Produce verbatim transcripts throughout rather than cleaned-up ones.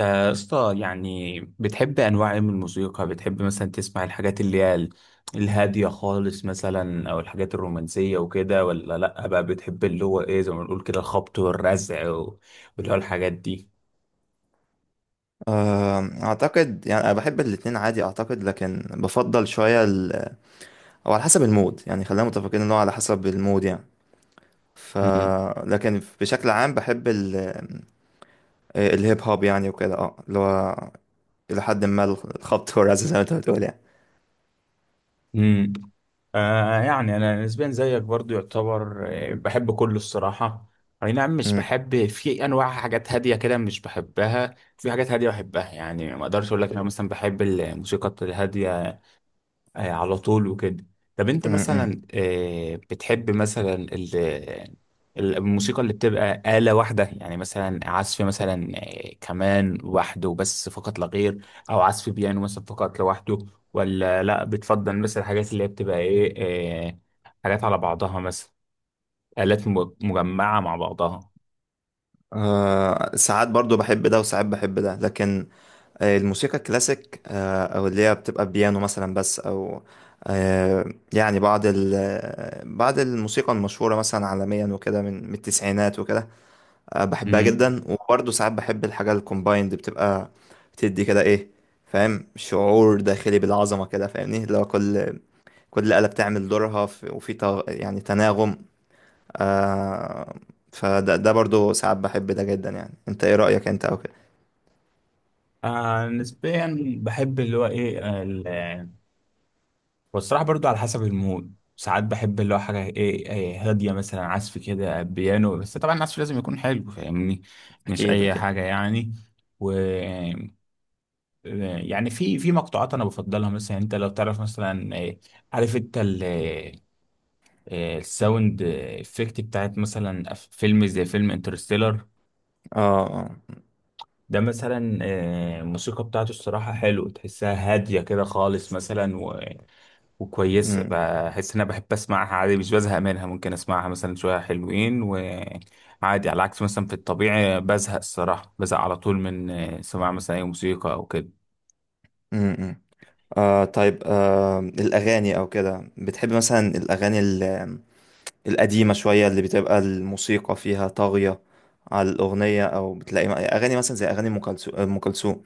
آه، يا اسطى، يعني بتحب انواع ايه من الموسيقى؟ بتحب مثلا تسمع الحاجات اللي هي ال- الهاديه خالص مثلا او الحاجات الرومانسيه وكده، ولا لا بقى بتحب اللي هو ايه زي ما بنقول كده الخبط والرزع و- واللي هو الحاجات دي؟ أم، اعتقد يعني انا بحب الاتنين عادي، اعتقد، لكن بفضل شويه ال... او على حسب المود، يعني خلينا متفقين ان هو على حسب المود يعني. ف مم. لكن بشكل عام بحب ال... آه، الهيب هوب يعني وكده، اه اللي هو الى حد ما الخبط والرزع زي ما انت بتقول يعني. مم. آه يعني انا نسبيا زيك برضو، يعتبر آه، بحب كله الصراحه. اي نعم، مش م- بحب في انواع حاجات هاديه كده، مش بحبها. في حاجات هاديه بحبها، يعني ما اقدرش اقول لك انا مثلا بحب الموسيقى الهاديه آه، على طول وكده. طب انت م- م. مثلا، آه، بتحب مثلا ال- ال- الموسيقى اللي بتبقى آلة واحدة؟ يعني مثلا عزف مثلا آه، كمان وحده بس فقط لا غير، او عزف بيانو مثلا فقط لوحده، ولا لا بتفضل مثلا الحاجات اللي هي بتبقى ايه، آه، حاجات على بعضها مثلا، آلات م- مجمعة مع بعضها؟ أه، ساعات برضو بحب ده وساعات بحب ده، لكن آه، الموسيقى الكلاسيك، آه، او اللي هي بتبقى بيانو مثلا بس، او آه، يعني بعض ال- بعض الموسيقى المشهورة مثلا عالميا وكده، من من التسعينات وكده، آه، بحبها امم. جدا. وبرضه ساعات بحب الحاجة الكومبايند، بتبقى بتدي كده ايه؟ فاهم؟ شعور داخلي بالعظمة كده، فاهمني؟ لو كل كل آلة بتعمل دورها في- وفي تغ- يعني تناغم. آه، فده ده برضه ساعات بحب ده جدا يعني. انت ايه رأيك انت او كده؟ آه نسبيا بحب اللي هو ايه، والصراحة برضو على حسب المود. ساعات بحب اللي هو حاجة ايه إيه هادية، مثلا عزف كده بيانو بس. طبعا العزف لازم يكون حلو، فاهمني، مش اكيد أي اكيد. حاجة يعني. و يعني في في مقطوعات أنا بفضلها. مثلا أنت لو تعرف مثلا إيه، عارف أنت ال إيه، الساوند افكت بتاعت مثلا أف- فيلم زي فيلم انترستيلر اه، ده؟ مثلا إيه، الموسيقى بتاعته الصراحة حلو، تحسها هادية كده خالص مثلا، وكويس. اه، بحس ان انا بحب اسمعها عادي، مش بزهق منها. ممكن اسمعها مثلا شويه حلوين وعادي، على عكس مثلا في الطبيعي بزهق الصراحه، بزهق على طول من سماع مثلا اي موسيقى او كده. امم، آه، طيب. آه الأغاني أو كده، بتحب مثلا الأغاني ال- القديمة شوية، اللي بتبقى الموسيقى فيها طاغية على الأغنية، أو بتلاقي م- أغاني مثلا زي أغاني أم كلثو- أم كلثوم،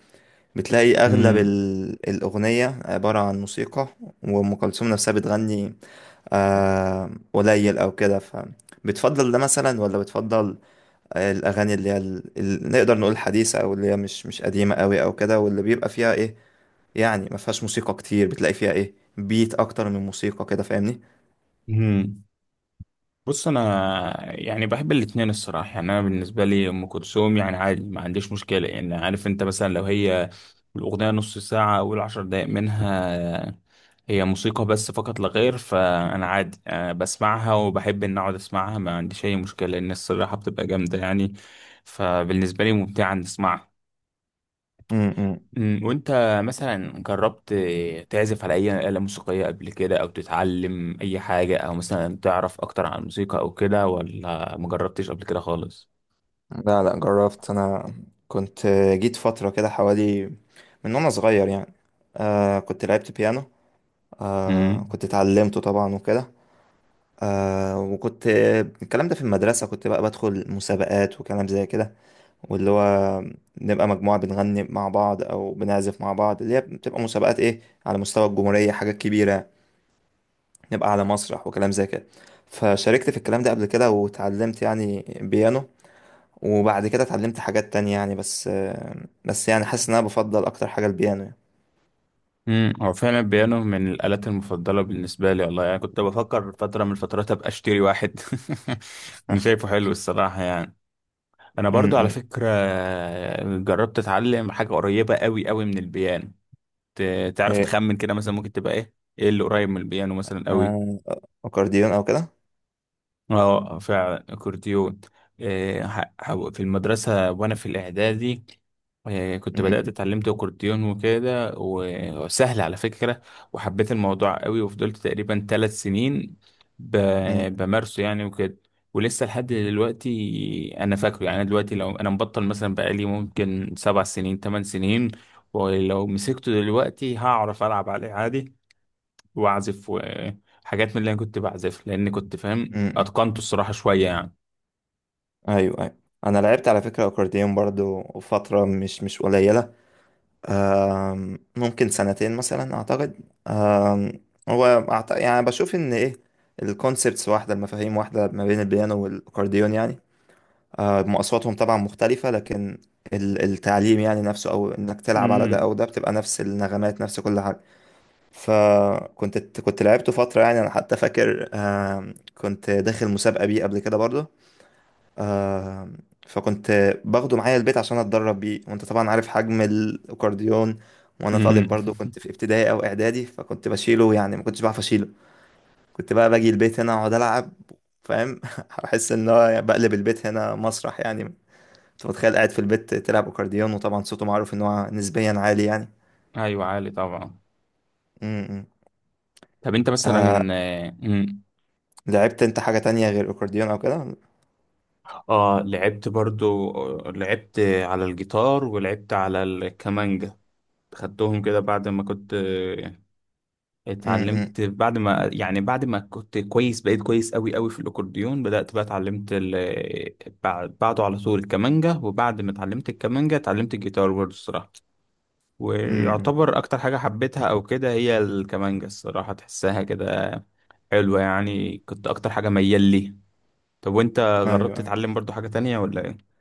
بتلاقي أغلب مم. ال- الأغنية عبارة عن موسيقى وأم كلثوم نفسها بتغني آه قليل أو كده؟ فبتفضل ده مثلا ولا بتفضل الاغاني اللي هي ال- ال- نقدر نقول حديثه، او اللي هي مش مش قديمه قوي او كده، واللي بيبقى فيها ايه يعني ما فيهاش موسيقى كتير، بتلاقي فيها ايه بيت اكتر من موسيقى كده، فاهمني؟ مم. بص، انا يعني بحب الاتنين الصراحه. يعني انا بالنسبه لي ام كلثوم يعني عادي، ما عنديش مشكله. يعني عارف انت مثلا، لو هي الاغنيه نص ساعه، اول عشر دقائق منها هي موسيقى بس فقط لا غير، فانا عادي أه بسمعها، وبحب ان اقعد اسمعها، ما عنديش اي مشكله، لان الصراحه بتبقى جامده يعني، فبالنسبه لي ممتعه ان اسمعها. امم، أمم، وانت مثلا جربت تعزف على اي آلة موسيقية قبل كده، او تتعلم اي حاجة، او مثلا تعرف اكتر عن الموسيقى او كده، ولا ما جربتش قبل كده خالص؟ لا لا، جربت انا. كنت جيت فتره كده حوالي، من وانا صغير يعني. آه كنت لعبت بيانو، آه امم. كنت اتعلمته طبعا وكده. آه وكنت الكلام ده في المدرسه، كنت بقى بدخل مسابقات وكلام زي كده، واللي هو نبقى مجموعة بنغني مع بعض أو بنعزف مع بعض، اللي هي بتبقى مسابقات إيه على مستوى الجمهورية، حاجات كبيرة، نبقى على مسرح وكلام زي كده. فشاركت في الكلام ده قبل كده، وتعلمت يعني بيانو، وبعد كده اتعلمت حاجات تانية يعني. بس بس يعني حاسس إن أنا بفضل أكتر حاجة البيانو يعني. امم، هو فعلا البيانو من الآلات المفضلة بالنسبة لي والله. يعني كنت بفكر فترة من الفترات ابقى اشتري واحد اني شايفه حلو الصراحة يعني. انا م- برضو على م. فكرة جربت اتعلم حاجة قريبة قوي قوي من البيانو. ت- تعرف إيه تخمن كده مثلا ممكن تبقى ايه؟ ايه اللي قريب من البيانو مثلا قوي؟ آه، أكورديون أو كده. اه فعلا اكورديون. إيه، ح- ح- في المدرسة وانا في الاعدادي، إيه، كنت م- بدأت اتعلمت اكورديون وكده، و- وسهل على فكرة. وحبيت الموضوع قوي، وفضلت تقريبا ثلاث سنين م- ب- بمارسه يعني وكده. ولسه لحد دلوقتي انا فاكره. يعني أنا دلوقتي لو انا مبطل مثلا بقالي ممكن سبع سنين ثمان سنين، ولو مسكته دلوقتي هعرف العب عليه عادي واعزف وحاجات من اللي انا كنت بعزف، لان كنت فاهم م- م. اتقنته الصراحه شويه يعني. أيوه أيوه. أنا لعبت على فكرة أكورديون برضو فترة مش مش قليلة. آم، ممكن سنتين مثلا، اعتقد. آم، هو أعت- يعني بشوف ان ايه الكونسبتس واحده، المفاهيم واحده، ما بين البيانو والاكورديون يعني. آه، مقاصاتهم طبعا مختلفه، لكن ال- التعليم يعني نفسه، او انك تلعب على ده او امم. ده بتبقى نفس النغمات نفس كل حاجه. فكنت كنت لعبته فتره، يعني انا حتى فاكر، آم، كنت داخل مسابقه بيه قبل كده برضه. آه فكنت باخده معايا البيت عشان اتدرب بيه، وانت طبعا عارف حجم الاكورديون، وانا طالب امم. برضو كنت في ابتدائي او اعدادي، فكنت بشيله يعني، ما كنتش بعرف اشيله. كنت بقى باجي البيت هنا اقعد العب، فاهم؟ احس ان هو بقلب البيت هنا مسرح يعني، انت متخيل قاعد في البيت تلعب اكورديون، وطبعا صوته معروف ان هو نسبيا عالي يعني. ايوه عالي طبعا. م- م. طب انت مثلا، آه، مم. لعبت انت حاجة تانية غير اكورديون او كده؟ م- اه لعبت برضو، آه، لعبت على الجيتار ولعبت على الكمانجا. خدتهم كده بعد ما كنت آه، م. اتعلمت، بعد ما يعني بعد ما كنت كويس، بقيت كويس قوي قوي في الاكورديون بدأت بقى اتعلمت ال... بعد- بعده على طول الكمانجا، وبعد ما اتعلمت الكمانجا اتعلمت الجيتار برضو الصراحة. م- م. ويعتبر اكتر حاجة حبيتها او كده هي الكمانجة الصراحة، تحسها كده حلوة يعني، كنت اكتر حاجة ميال لي. طب وانت ايوه جربت أيوة. تتعلم برضو حاجة تانية ولا ايه؟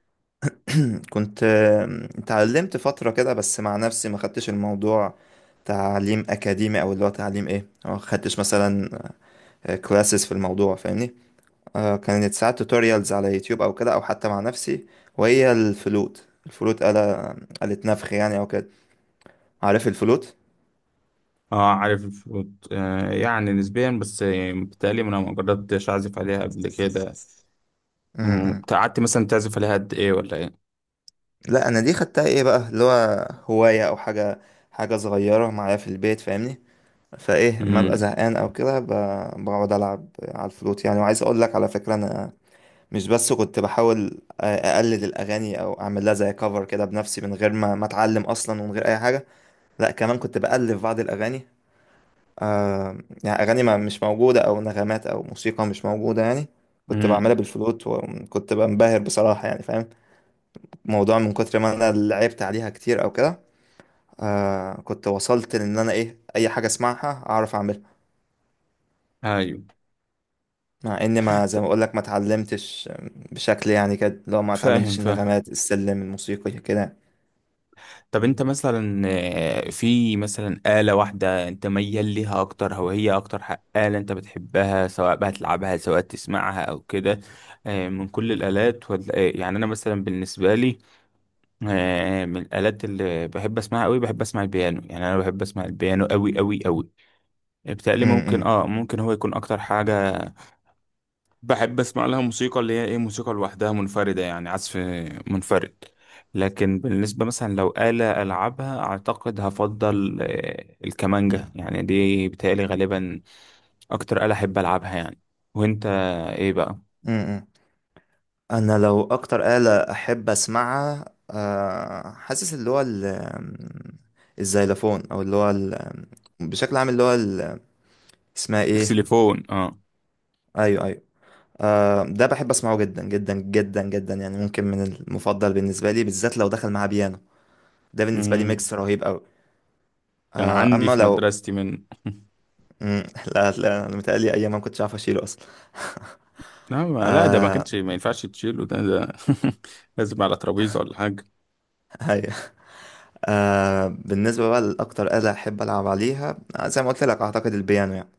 كنت آه، اتعلمت فترة كده بس مع نفسي، ما خدتش الموضوع تعليم أكاديمي أو اللي هو تعليم إيه ما خدتش مثلا كلاسز في الموضوع، فاهمني؟ آه، كانت ساعات توتوريالز على يوتيوب أو كده، أو حتى مع نفسي. وهي الفلوت. الفلوت آلة، آلة نفخ يعني أو كده. عارف الفلوت؟ اه عارف، وت- آه يعني نسبيا بس، آه، بتهيألي انا ما جربتش اعزف عليها قبل كده. أمم، م-م. قعدت مثلا تعزف عليها قد ايه ولا ايه؟ لا، أنا دي خدتها إيه بقى اللي هو هواية أو حاجة، حاجة صغيرة معايا في البيت، فاهمني؟ فايه ما ببقى امم. زهقان او كده ب- بقعد العب على الفلوت يعني. وعايز اقول لك على فكره، انا مش بس كنت بحاول آه، اقلد الاغاني او اعمل لها زي كفر كده بنفسي من غير ما ما اتعلم اصلا ومن غير اي حاجه، لا كمان كنت بالف بعض الاغاني، آه يعني اغاني ما مش موجوده او نغمات او موسيقى مش موجوده يعني، كنت امم. بعملها بالفلوت، وكنت بنبهر بصراحه يعني. فاهم الموضوع؟ من كتر ما انا لعبت عليها كتير او كده، آه كنت وصلت لان انا ايه اي حاجه اسمعها اعرف اعملها، ايوه. مع ان، ما، زي ما ت- اقول لك، ما اتعلمتش بشكل يعني كده، لو ما فاهم اتعلمتش فاهم. النغمات السلم الموسيقي كده. طب انت مثلا، آه، في مثلا آلة واحدة انت ميال ليها اكتر، او هي اكتر ح- آلة انت بتحبها، سواء بقى تلعبها سواء تسمعها او كده، آه، من كل الآلات ولا ايه؟ يعني انا مثلا بالنسبة لي، آه، من الآلات اللي بحب اسمعها قوي بحب اسمع البيانو. يعني انا بحب اسمع البيانو قوي قوي قوي، م- بتقلي ممكن م. اه ممكن هو يكون اكتر حاجة بحب اسمع لها موسيقى اللي هي ايه، موسيقى لوحدها منفردة يعني، عزف منفرد. لكن بالنسبة مثلا لو آلة ألعبها، أعتقد هفضل آه، الكمانجة. يعني دي بتهيألي غالبا أكتر آلة أحب ألعبها يعني. وأنت ايه بقى؟ امم انا لو اكتر آلة احب اسمعها، آه، حاسس اللي هو ال- الزيلافون، او اللي هو ال- بشكل عام اللي هو ال- اسمها ايه؟ اكسليفون اه. ايوه ايوه. آه، ده بحب اسمعه جدا جدا جدا جدا يعني، ممكن من المفضل بالنسبة لي، بالذات لو دخل مع بيانو، ده بالنسبة لي مم. ميكس رهيب قوي. كان آه، عندي اما في لو... مدرستي من مم، لا لا، انا متهيألي ايام ما كنتش عارف اشيله اصلا. لا، ما- لا ده ما كانش ما ينفعش تشيله، ده ده لازم على ترابيزة ولا حاجة. ايوه. آه، بالنسبة بقى لاكتر آلة احب العب عليها، آه، زي ما قلت لك اعتقد البيانو يعني.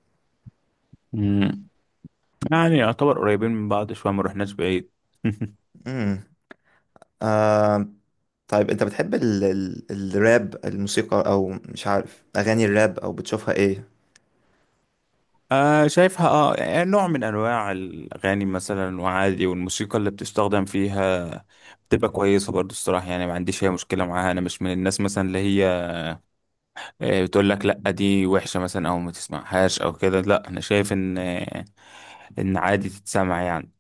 مم. يعني يعتبر قريبين من بعض شوية، ما رحناش بعيد. امم طيب، انت بتحب ال... ال... الراب، الموسيقى، او مش عارف اغاني الراب، او بتشوفها ايه؟ آه شايفها، اه يعني نوع من انواع الاغاني مثلا وعادي، والموسيقى اللي بتستخدم فيها بتبقى كويسه برضو الصراحه. يعني ما عنديش اي مشكله معاها. انا مش من الناس مثلا اللي هي آه، بتقول لك لا دي وحشه مثلا او ما تسمعهاش او كده. لا، انا شايف ان آه، ان عادي تتسمع يعني.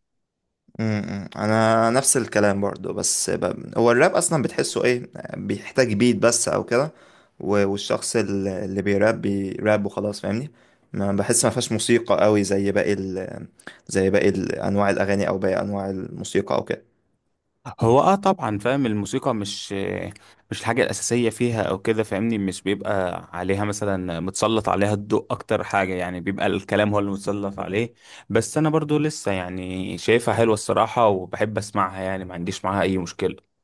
امم انا نفس الكلام برضو، بس ب... هو الراب اصلا بتحسه ايه؟ بيحتاج بيت بس او كده، و... والشخص ال- اللي بيراب بيراب، وخلاص، فاهمني؟ ما بحس، ما فيهاش موسيقى قوي زي باقي ال... زي باقي ال- انواع الاغاني، او باقي انواع الموسيقى او كده. هو اه طبعا فاهم، الموسيقى مش مش الحاجة الأساسية فيها أو كده، فاهمني. مش بيبقى عليها مثلا متسلط عليها الضوء أكتر حاجة، يعني بيبقى الكلام هو اللي متسلط عليه. بس أنا برضو لسه يعني شايفها حلوة الصراحة، وبحب أسمعها، يعني ما عنديش معاها أي مشكلة.